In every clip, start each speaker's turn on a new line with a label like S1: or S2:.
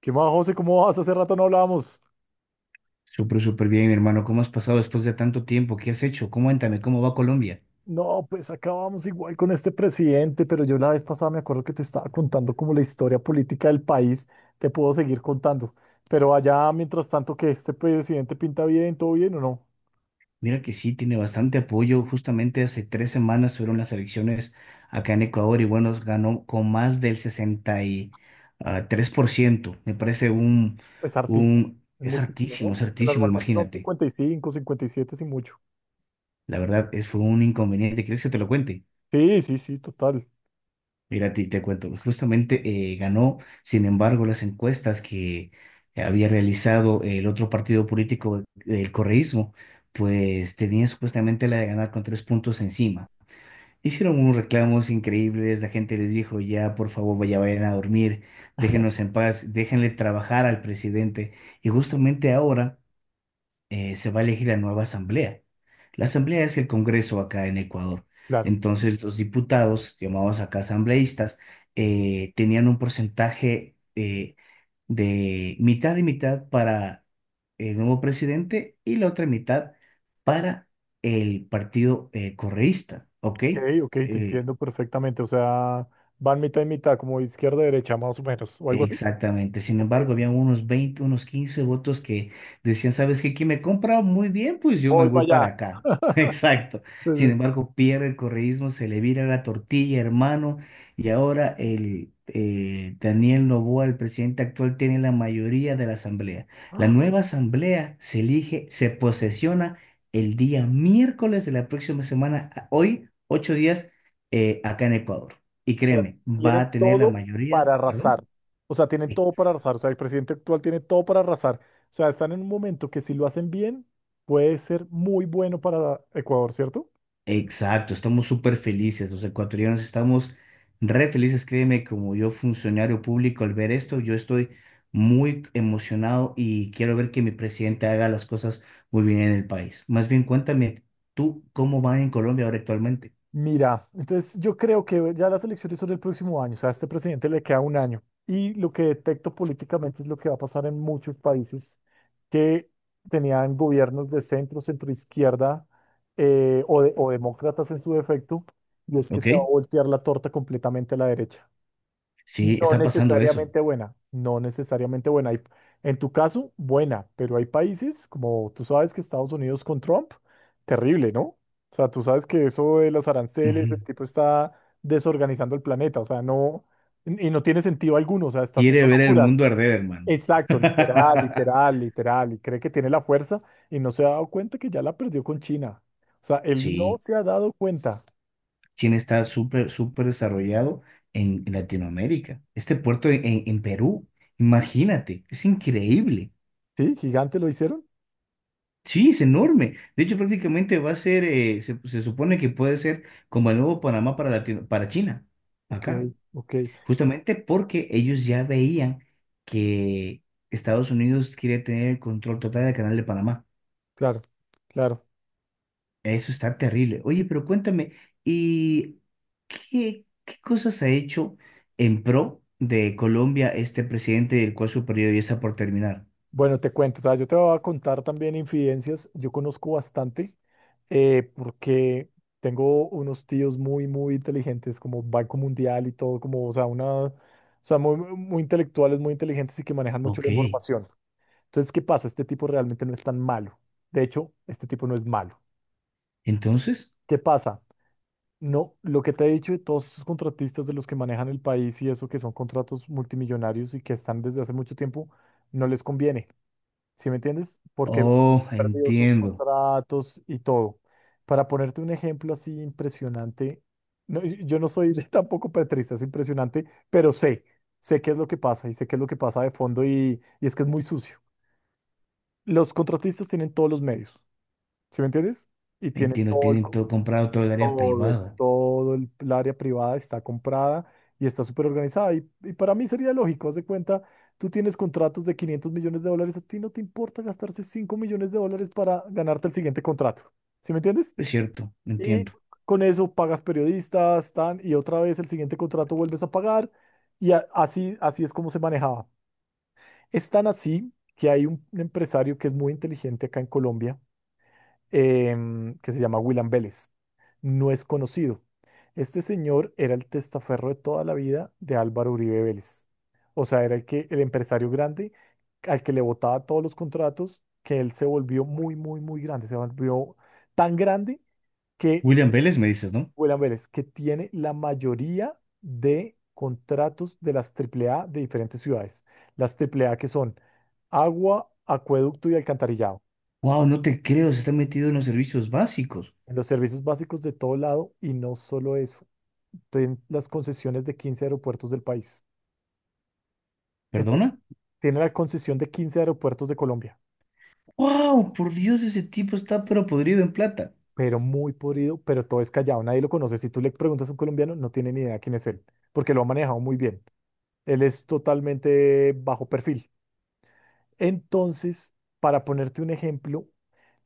S1: ¿Qué más, José? ¿Cómo vas? Hace rato no hablábamos.
S2: Súper, súper bien, mi hermano. ¿Cómo has pasado después de tanto tiempo? ¿Qué has hecho? Cuéntame, ¿cómo va Colombia?
S1: No, pues acabamos igual con este presidente, pero yo la vez pasada me acuerdo que te estaba contando como la historia política del país. Te puedo seguir contando. Pero allá, mientras tanto, que este presidente pinta bien, ¿todo bien o no?
S2: Mira que sí, tiene bastante apoyo. Justamente hace tres semanas fueron las elecciones acá en Ecuador y bueno, ganó con más del 63%. Me parece
S1: Es hartísimo.
S2: un,
S1: Es muchísimo, ¿no?
S2: es
S1: Que
S2: hartísimo,
S1: normalmente son
S2: imagínate.
S1: 50, 55, 57 sin mucho.
S2: La verdad, fue un inconveniente. ¿Quieres que te lo cuente?
S1: Sí, sí, sí, total.
S2: Mira, te cuento, justamente ganó, sin embargo, las encuestas que había realizado el otro partido político, el correísmo, pues tenía supuestamente la de ganar con tres puntos encima. Hicieron unos reclamos increíbles, la gente les dijo, ya, por favor, vayan a dormir, déjenos en paz, déjenle trabajar al presidente. Y justamente ahora se va a elegir la nueva asamblea. La asamblea es el Congreso acá en Ecuador.
S1: Claro.
S2: Entonces, los diputados, llamados acá asambleístas, tenían un porcentaje de mitad y mitad para el nuevo presidente y la otra mitad para el partido correísta, ¿ok?
S1: Ok, ok, te
S2: Eh,
S1: entiendo perfectamente. O sea, van mitad y mitad, como izquierda y derecha, más o menos, o algo así.
S2: Exactamente. Sin
S1: Ok,
S2: embargo, unos 15 votos que decían, ¿sabes qué? ¿Quién me compra muy bien? Pues yo me
S1: voy
S2: voy
S1: para
S2: para
S1: allá.
S2: acá. Exacto. Sin embargo, pierde el correísmo, se le vira la tortilla, hermano. Y ahora el Daniel Noboa, el presidente actual, tiene la mayoría de la asamblea. La nueva asamblea se elige, se posesiona el día miércoles de la próxima semana, hoy, ocho días, acá en Ecuador. Y
S1: Sea,
S2: créeme, va
S1: tienen
S2: a tener la
S1: todo
S2: mayoría,
S1: para
S2: perdón.
S1: arrasar. O sea, tienen todo para arrasar. O sea, el presidente actual tiene todo para arrasar. O sea, están en un momento que si lo hacen bien, puede ser muy bueno para Ecuador, ¿cierto?
S2: Exacto, estamos súper felices, los ecuatorianos estamos re felices, créeme, como yo funcionario público al ver esto, yo estoy muy emocionado y quiero ver que mi presidente haga las cosas muy bien en el país. Más bien, cuéntame tú cómo van en Colombia ahora actualmente,
S1: Mira, entonces yo creo que ya las elecciones son el próximo año. O sea, a este presidente le queda un año. Y lo que detecto políticamente es lo que va a pasar en muchos países que tenían gobiernos de centro, centroizquierda o demócratas en su defecto. Y es que
S2: ¿ok?
S1: se va a voltear la torta completamente a la derecha.
S2: Sí,
S1: No
S2: está pasando eso.
S1: necesariamente buena, no necesariamente buena. En tu caso, buena, pero hay países, como tú sabes que Estados Unidos con Trump, terrible, ¿no? O sea, tú sabes que eso de los aranceles, el
S2: Ujú.
S1: tipo está desorganizando el planeta, o sea, no, y no tiene sentido alguno, o sea, está haciendo
S2: Quiere ver el mundo
S1: locuras.
S2: arder, hermano.
S1: Exacto, literal, literal, literal, y cree que tiene la fuerza y no se ha dado cuenta que ya la perdió con China. O sea, él no
S2: Sí.
S1: se ha dado cuenta.
S2: China está súper, súper desarrollado en Latinoamérica. Este puerto en Perú, imagínate, es increíble.
S1: ¿Sí? ¿Gigante lo hicieron?
S2: Sí, es enorme. De hecho, prácticamente va a ser, se supone que puede ser como el nuevo Panamá para para China,
S1: Ok,
S2: acá.
S1: ok,
S2: Justamente porque ellos ya veían que Estados Unidos quiere tener el control total del canal de Panamá.
S1: claro. Claro.
S2: Eso está terrible. Oye, pero cuéntame, ¿y ¿qué, qué cosas ha hecho en pro de Colombia este presidente, el cual su periodo ya está por terminar?
S1: Bueno, te cuento, o sea, yo te voy a contar también infidencias. Yo conozco bastante porque tengo unos tíos muy, muy inteligentes, como Banco Mundial y todo, como, o sea, o sea, muy, muy intelectuales, muy inteligentes y que manejan mucho la
S2: Ok,
S1: información. Entonces, ¿qué pasa? Este tipo realmente no es tan malo. De hecho, este tipo no es malo.
S2: entonces,
S1: ¿Qué pasa? No, lo que te he dicho de todos estos contratistas de los que manejan el país y eso, que son contratos multimillonarios y que están desde hace mucho tiempo, no les conviene. ¿Sí me entiendes? Porque
S2: oh,
S1: perdió sus
S2: entiendo,
S1: contratos y todo. Para ponerte un ejemplo así impresionante, no, yo no soy tampoco petrista, es impresionante, pero sé qué es lo que pasa y sé qué es lo que pasa de fondo y es que es muy sucio. Los contratistas tienen todos los medios, ¿sí me entiendes? Y tienen
S2: entiendo,
S1: todo el,
S2: tienen todo comprado, todo el área
S1: todo,
S2: privada.
S1: todo el área privada está comprada y está súper organizada. Y para mí sería lógico, haz de cuenta, tú tienes contratos de 500 millones de dólares, a ti no te importa gastarse 5 millones de dólares para ganarte el siguiente contrato. ¿Sí me entiendes?
S2: Es cierto,
S1: Y
S2: entiendo.
S1: con eso pagas periodistas, y otra vez el siguiente contrato vuelves a pagar. Y así es como se manejaba. Es tan así que hay un empresario que es muy inteligente acá en Colombia que se llama William Vélez. No es conocido. Este señor era el testaferro de toda la vida de Álvaro Uribe Vélez. O sea, era el empresario grande al que le botaba todos los contratos, que él se volvió muy, muy, muy grande. Se volvió tan grande que
S2: William Vélez, me dices, ¿no?
S1: William Vélez que tiene la mayoría de contratos de las Triple A de diferentes ciudades. Las Triple A que son agua, acueducto y alcantarillado.
S2: Wow, no te creo, se está metido en los servicios básicos.
S1: En los servicios básicos de todo lado, y no solo eso, tienen las concesiones de 15 aeropuertos del país. Entonces,
S2: ¿Perdona?
S1: tiene la concesión de 15 aeropuertos de Colombia,
S2: Wow, por Dios, ese tipo está pero podrido en plata.
S1: pero muy podrido, pero todo es callado, nadie lo conoce. Si tú le preguntas a un colombiano, no tiene ni idea quién es él, porque lo ha manejado muy bien. Él es totalmente bajo perfil. Entonces, para ponerte un ejemplo,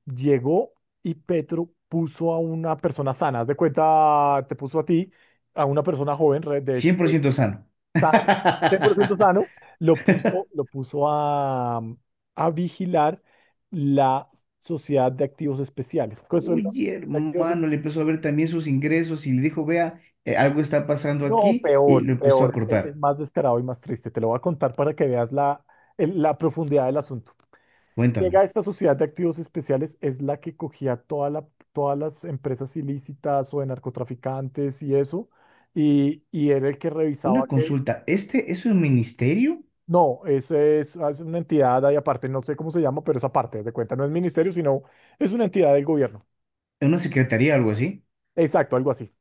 S1: llegó y Petro puso a una persona sana, haz de cuenta, te puso a ti, a una persona joven,
S2: 100% sano.
S1: sano, 100% sano, lo puso a vigilar la Sociedad de Activos Especiales. ¿Qué es la
S2: Oye,
S1: Sociedad de Activos?
S2: hermano, le empezó a ver también sus ingresos y le dijo, vea, algo está pasando
S1: No,
S2: aquí y
S1: peor,
S2: lo empezó a
S1: peor, es
S2: cortar.
S1: más descarado y más triste. Te lo voy a contar para que veas la profundidad del asunto. Llega
S2: Cuéntame,
S1: esta Sociedad de Activos Especiales, es la que cogía todas las empresas ilícitas o de narcotraficantes y eso, y era el que revisaba.
S2: una consulta, ¿este es un ministerio?
S1: No, eso es una entidad ahí aparte, no sé cómo se llama, pero esa parte, haz de cuenta, no es ministerio, sino es una entidad del gobierno.
S2: ¿Una secretaría, algo así?
S1: Exacto, algo así.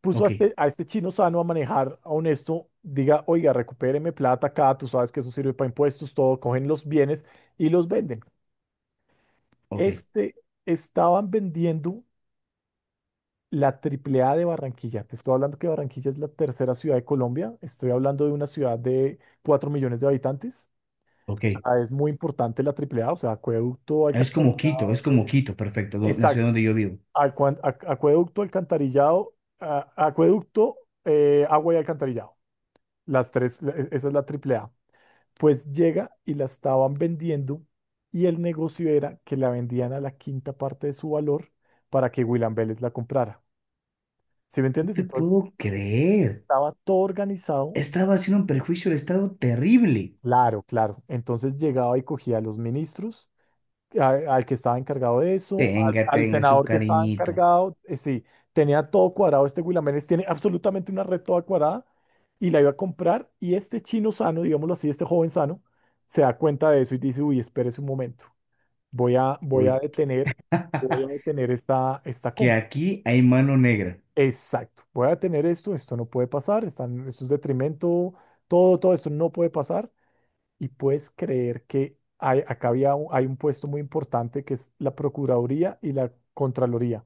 S1: Puso a
S2: Ok,
S1: este, a este chino sano a manejar, a honesto, diga, oiga, recupéreme plata acá, tú sabes que eso sirve para impuestos, todo, cogen los bienes y los venden.
S2: ok,
S1: Este, estaban vendiendo la triple A de Barranquilla. Te estoy hablando que Barranquilla es la tercera ciudad de Colombia, estoy hablando de una ciudad de 4 millones de habitantes. O
S2: ok.
S1: sea, es muy importante la AAA, o sea, acueducto, alcantarillado.
S2: Es como Quito, perfecto, la ciudad
S1: Exacto.
S2: donde yo vivo.
S1: Acueducto, alcantarillado, acueducto, agua y alcantarillado. Las tres, esa es la AAA. Pues llega y la estaban vendiendo, y el negocio era que la vendían a la quinta parte de su valor para que William Vélez la comprara. ¿Sí me
S2: No
S1: entiendes?
S2: te
S1: Entonces
S2: puedo creer.
S1: estaba todo organizado.
S2: Estaba haciendo un perjuicio al Estado terrible.
S1: Claro, claro. Entonces llegaba y cogía a los ministros, al que estaba encargado de eso, al,
S2: Tenga,
S1: al sí,
S2: tenga su
S1: senador que estaba
S2: cariñito.
S1: encargado, sí, tenía todo cuadrado, este Guilaménez tiene absolutamente una red toda cuadrada y la iba a comprar, y este chino sano, digámoslo así, este joven sano, se da cuenta de eso y dice, uy, espérese un momento, voy a, voy a
S2: Uy,
S1: detener, voy a detener esta
S2: que
S1: compra.
S2: aquí hay mano negra.
S1: Exacto, voy a detener esto no puede pasar, esto es detrimento, todo esto no puede pasar, y puedes creer que hay un puesto muy importante que es la Procuraduría y la Contraloría.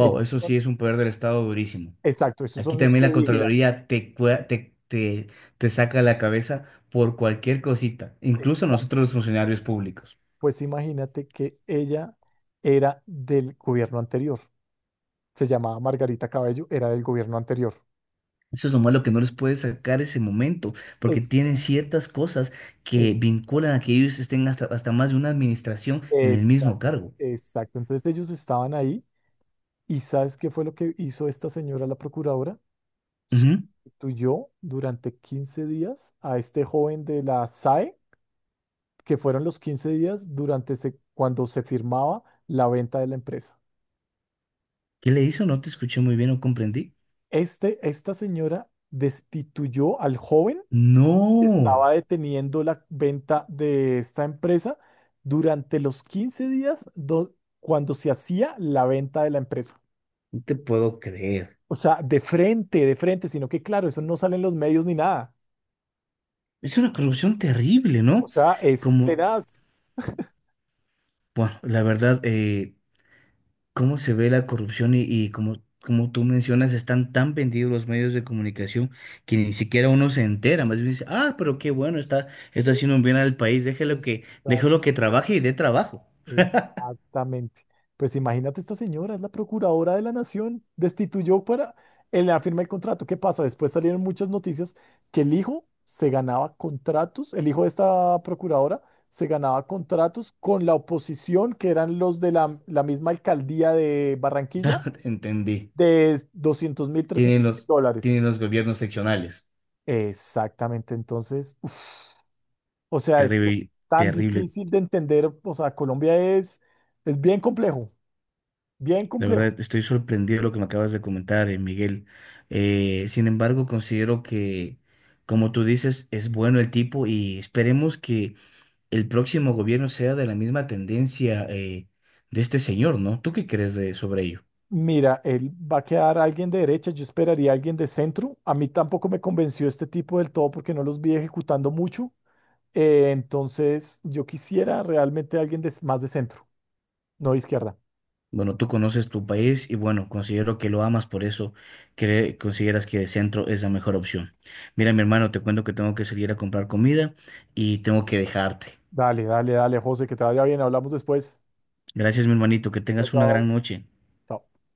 S1: Ellos
S2: eso sí
S1: son-
S2: es un poder del Estado durísimo.
S1: exacto, esos son
S2: Aquí
S1: los
S2: también
S1: que
S2: la
S1: vigilan.
S2: Contraloría te saca la cabeza por cualquier cosita, incluso
S1: Exacto.
S2: nosotros los funcionarios públicos.
S1: Pues imagínate que ella era del gobierno anterior. Se llamaba Margarita Cabello, era del gobierno anterior.
S2: Eso es lo malo que no les puede sacar ese momento, porque
S1: Es,
S2: tienen ciertas cosas que
S1: eh,
S2: vinculan a que ellos estén hasta, hasta más de una administración en
S1: es-
S2: el mismo cargo.
S1: exacto. Entonces ellos estaban ahí. ¿Y sabes qué fue lo que hizo esta señora, la procuradora?
S2: Ujú.
S1: Sustituyó durante 15 días a este joven de la SAE, que fueron los 15 días cuando se firmaba la venta de la empresa.
S2: ¿Qué le hizo? No te escuché muy bien, no comprendí.
S1: Esta señora destituyó al joven que
S2: No,
S1: estaba deteniendo la venta de esta empresa durante los 15 días, cuando se hacía la venta de la empresa.
S2: no te puedo creer.
S1: O sea, de frente, sino que claro, eso no sale en los medios ni nada.
S2: Es una corrupción terrible,
S1: O
S2: ¿no?
S1: sea, es
S2: Como,
S1: tenaz.
S2: bueno, la verdad, cómo se ve la corrupción y como, como tú mencionas, están tan vendidos los medios de comunicación que ni siquiera uno se entera, más bien dice, ah, pero qué bueno, está haciendo un bien al país, déjelo que trabaje y dé trabajo.
S1: Exactamente. Pues imagínate, esta señora es la procuradora de la nación, destituyó para él le firma el contrato. ¿Qué pasa? Después salieron muchas noticias que el hijo se ganaba contratos, el hijo de esta procuradora se ganaba contratos con la oposición, que eran los de la misma alcaldía de
S2: Ya
S1: Barranquilla,
S2: entendí.
S1: de doscientos mil,
S2: Tienen
S1: trescientos mil
S2: los,
S1: dólares.
S2: tienen los gobiernos seccionales.
S1: Exactamente, entonces, uf, o sea, es
S2: Terrible,
S1: tan
S2: terrible.
S1: difícil de entender, o sea, Colombia es bien complejo, bien
S2: La
S1: complejo.
S2: verdad, estoy sorprendido de lo que me acabas de comentar, Miguel. Sin embargo, considero que, como tú dices, es bueno el tipo y esperemos que el próximo gobierno sea de la misma tendencia de este señor, ¿no? ¿Tú qué crees de, sobre ello?
S1: Mira, él va a quedar alguien de derecha, yo esperaría alguien de centro. A mí tampoco me convenció este tipo del todo porque no los vi ejecutando mucho. Entonces, yo quisiera realmente alguien más de centro, no de izquierda.
S2: Bueno, tú conoces tu país y bueno, considero que lo amas, por eso consideras que de centro es la mejor opción. Mira, mi hermano, te cuento que tengo que salir a comprar comida y tengo que dejarte.
S1: Dale, dale, dale, José, que te vaya bien. Hablamos después.
S2: Gracias, mi hermanito, que
S1: Chao,
S2: tengas una
S1: chao.
S2: gran noche.
S1: Chao.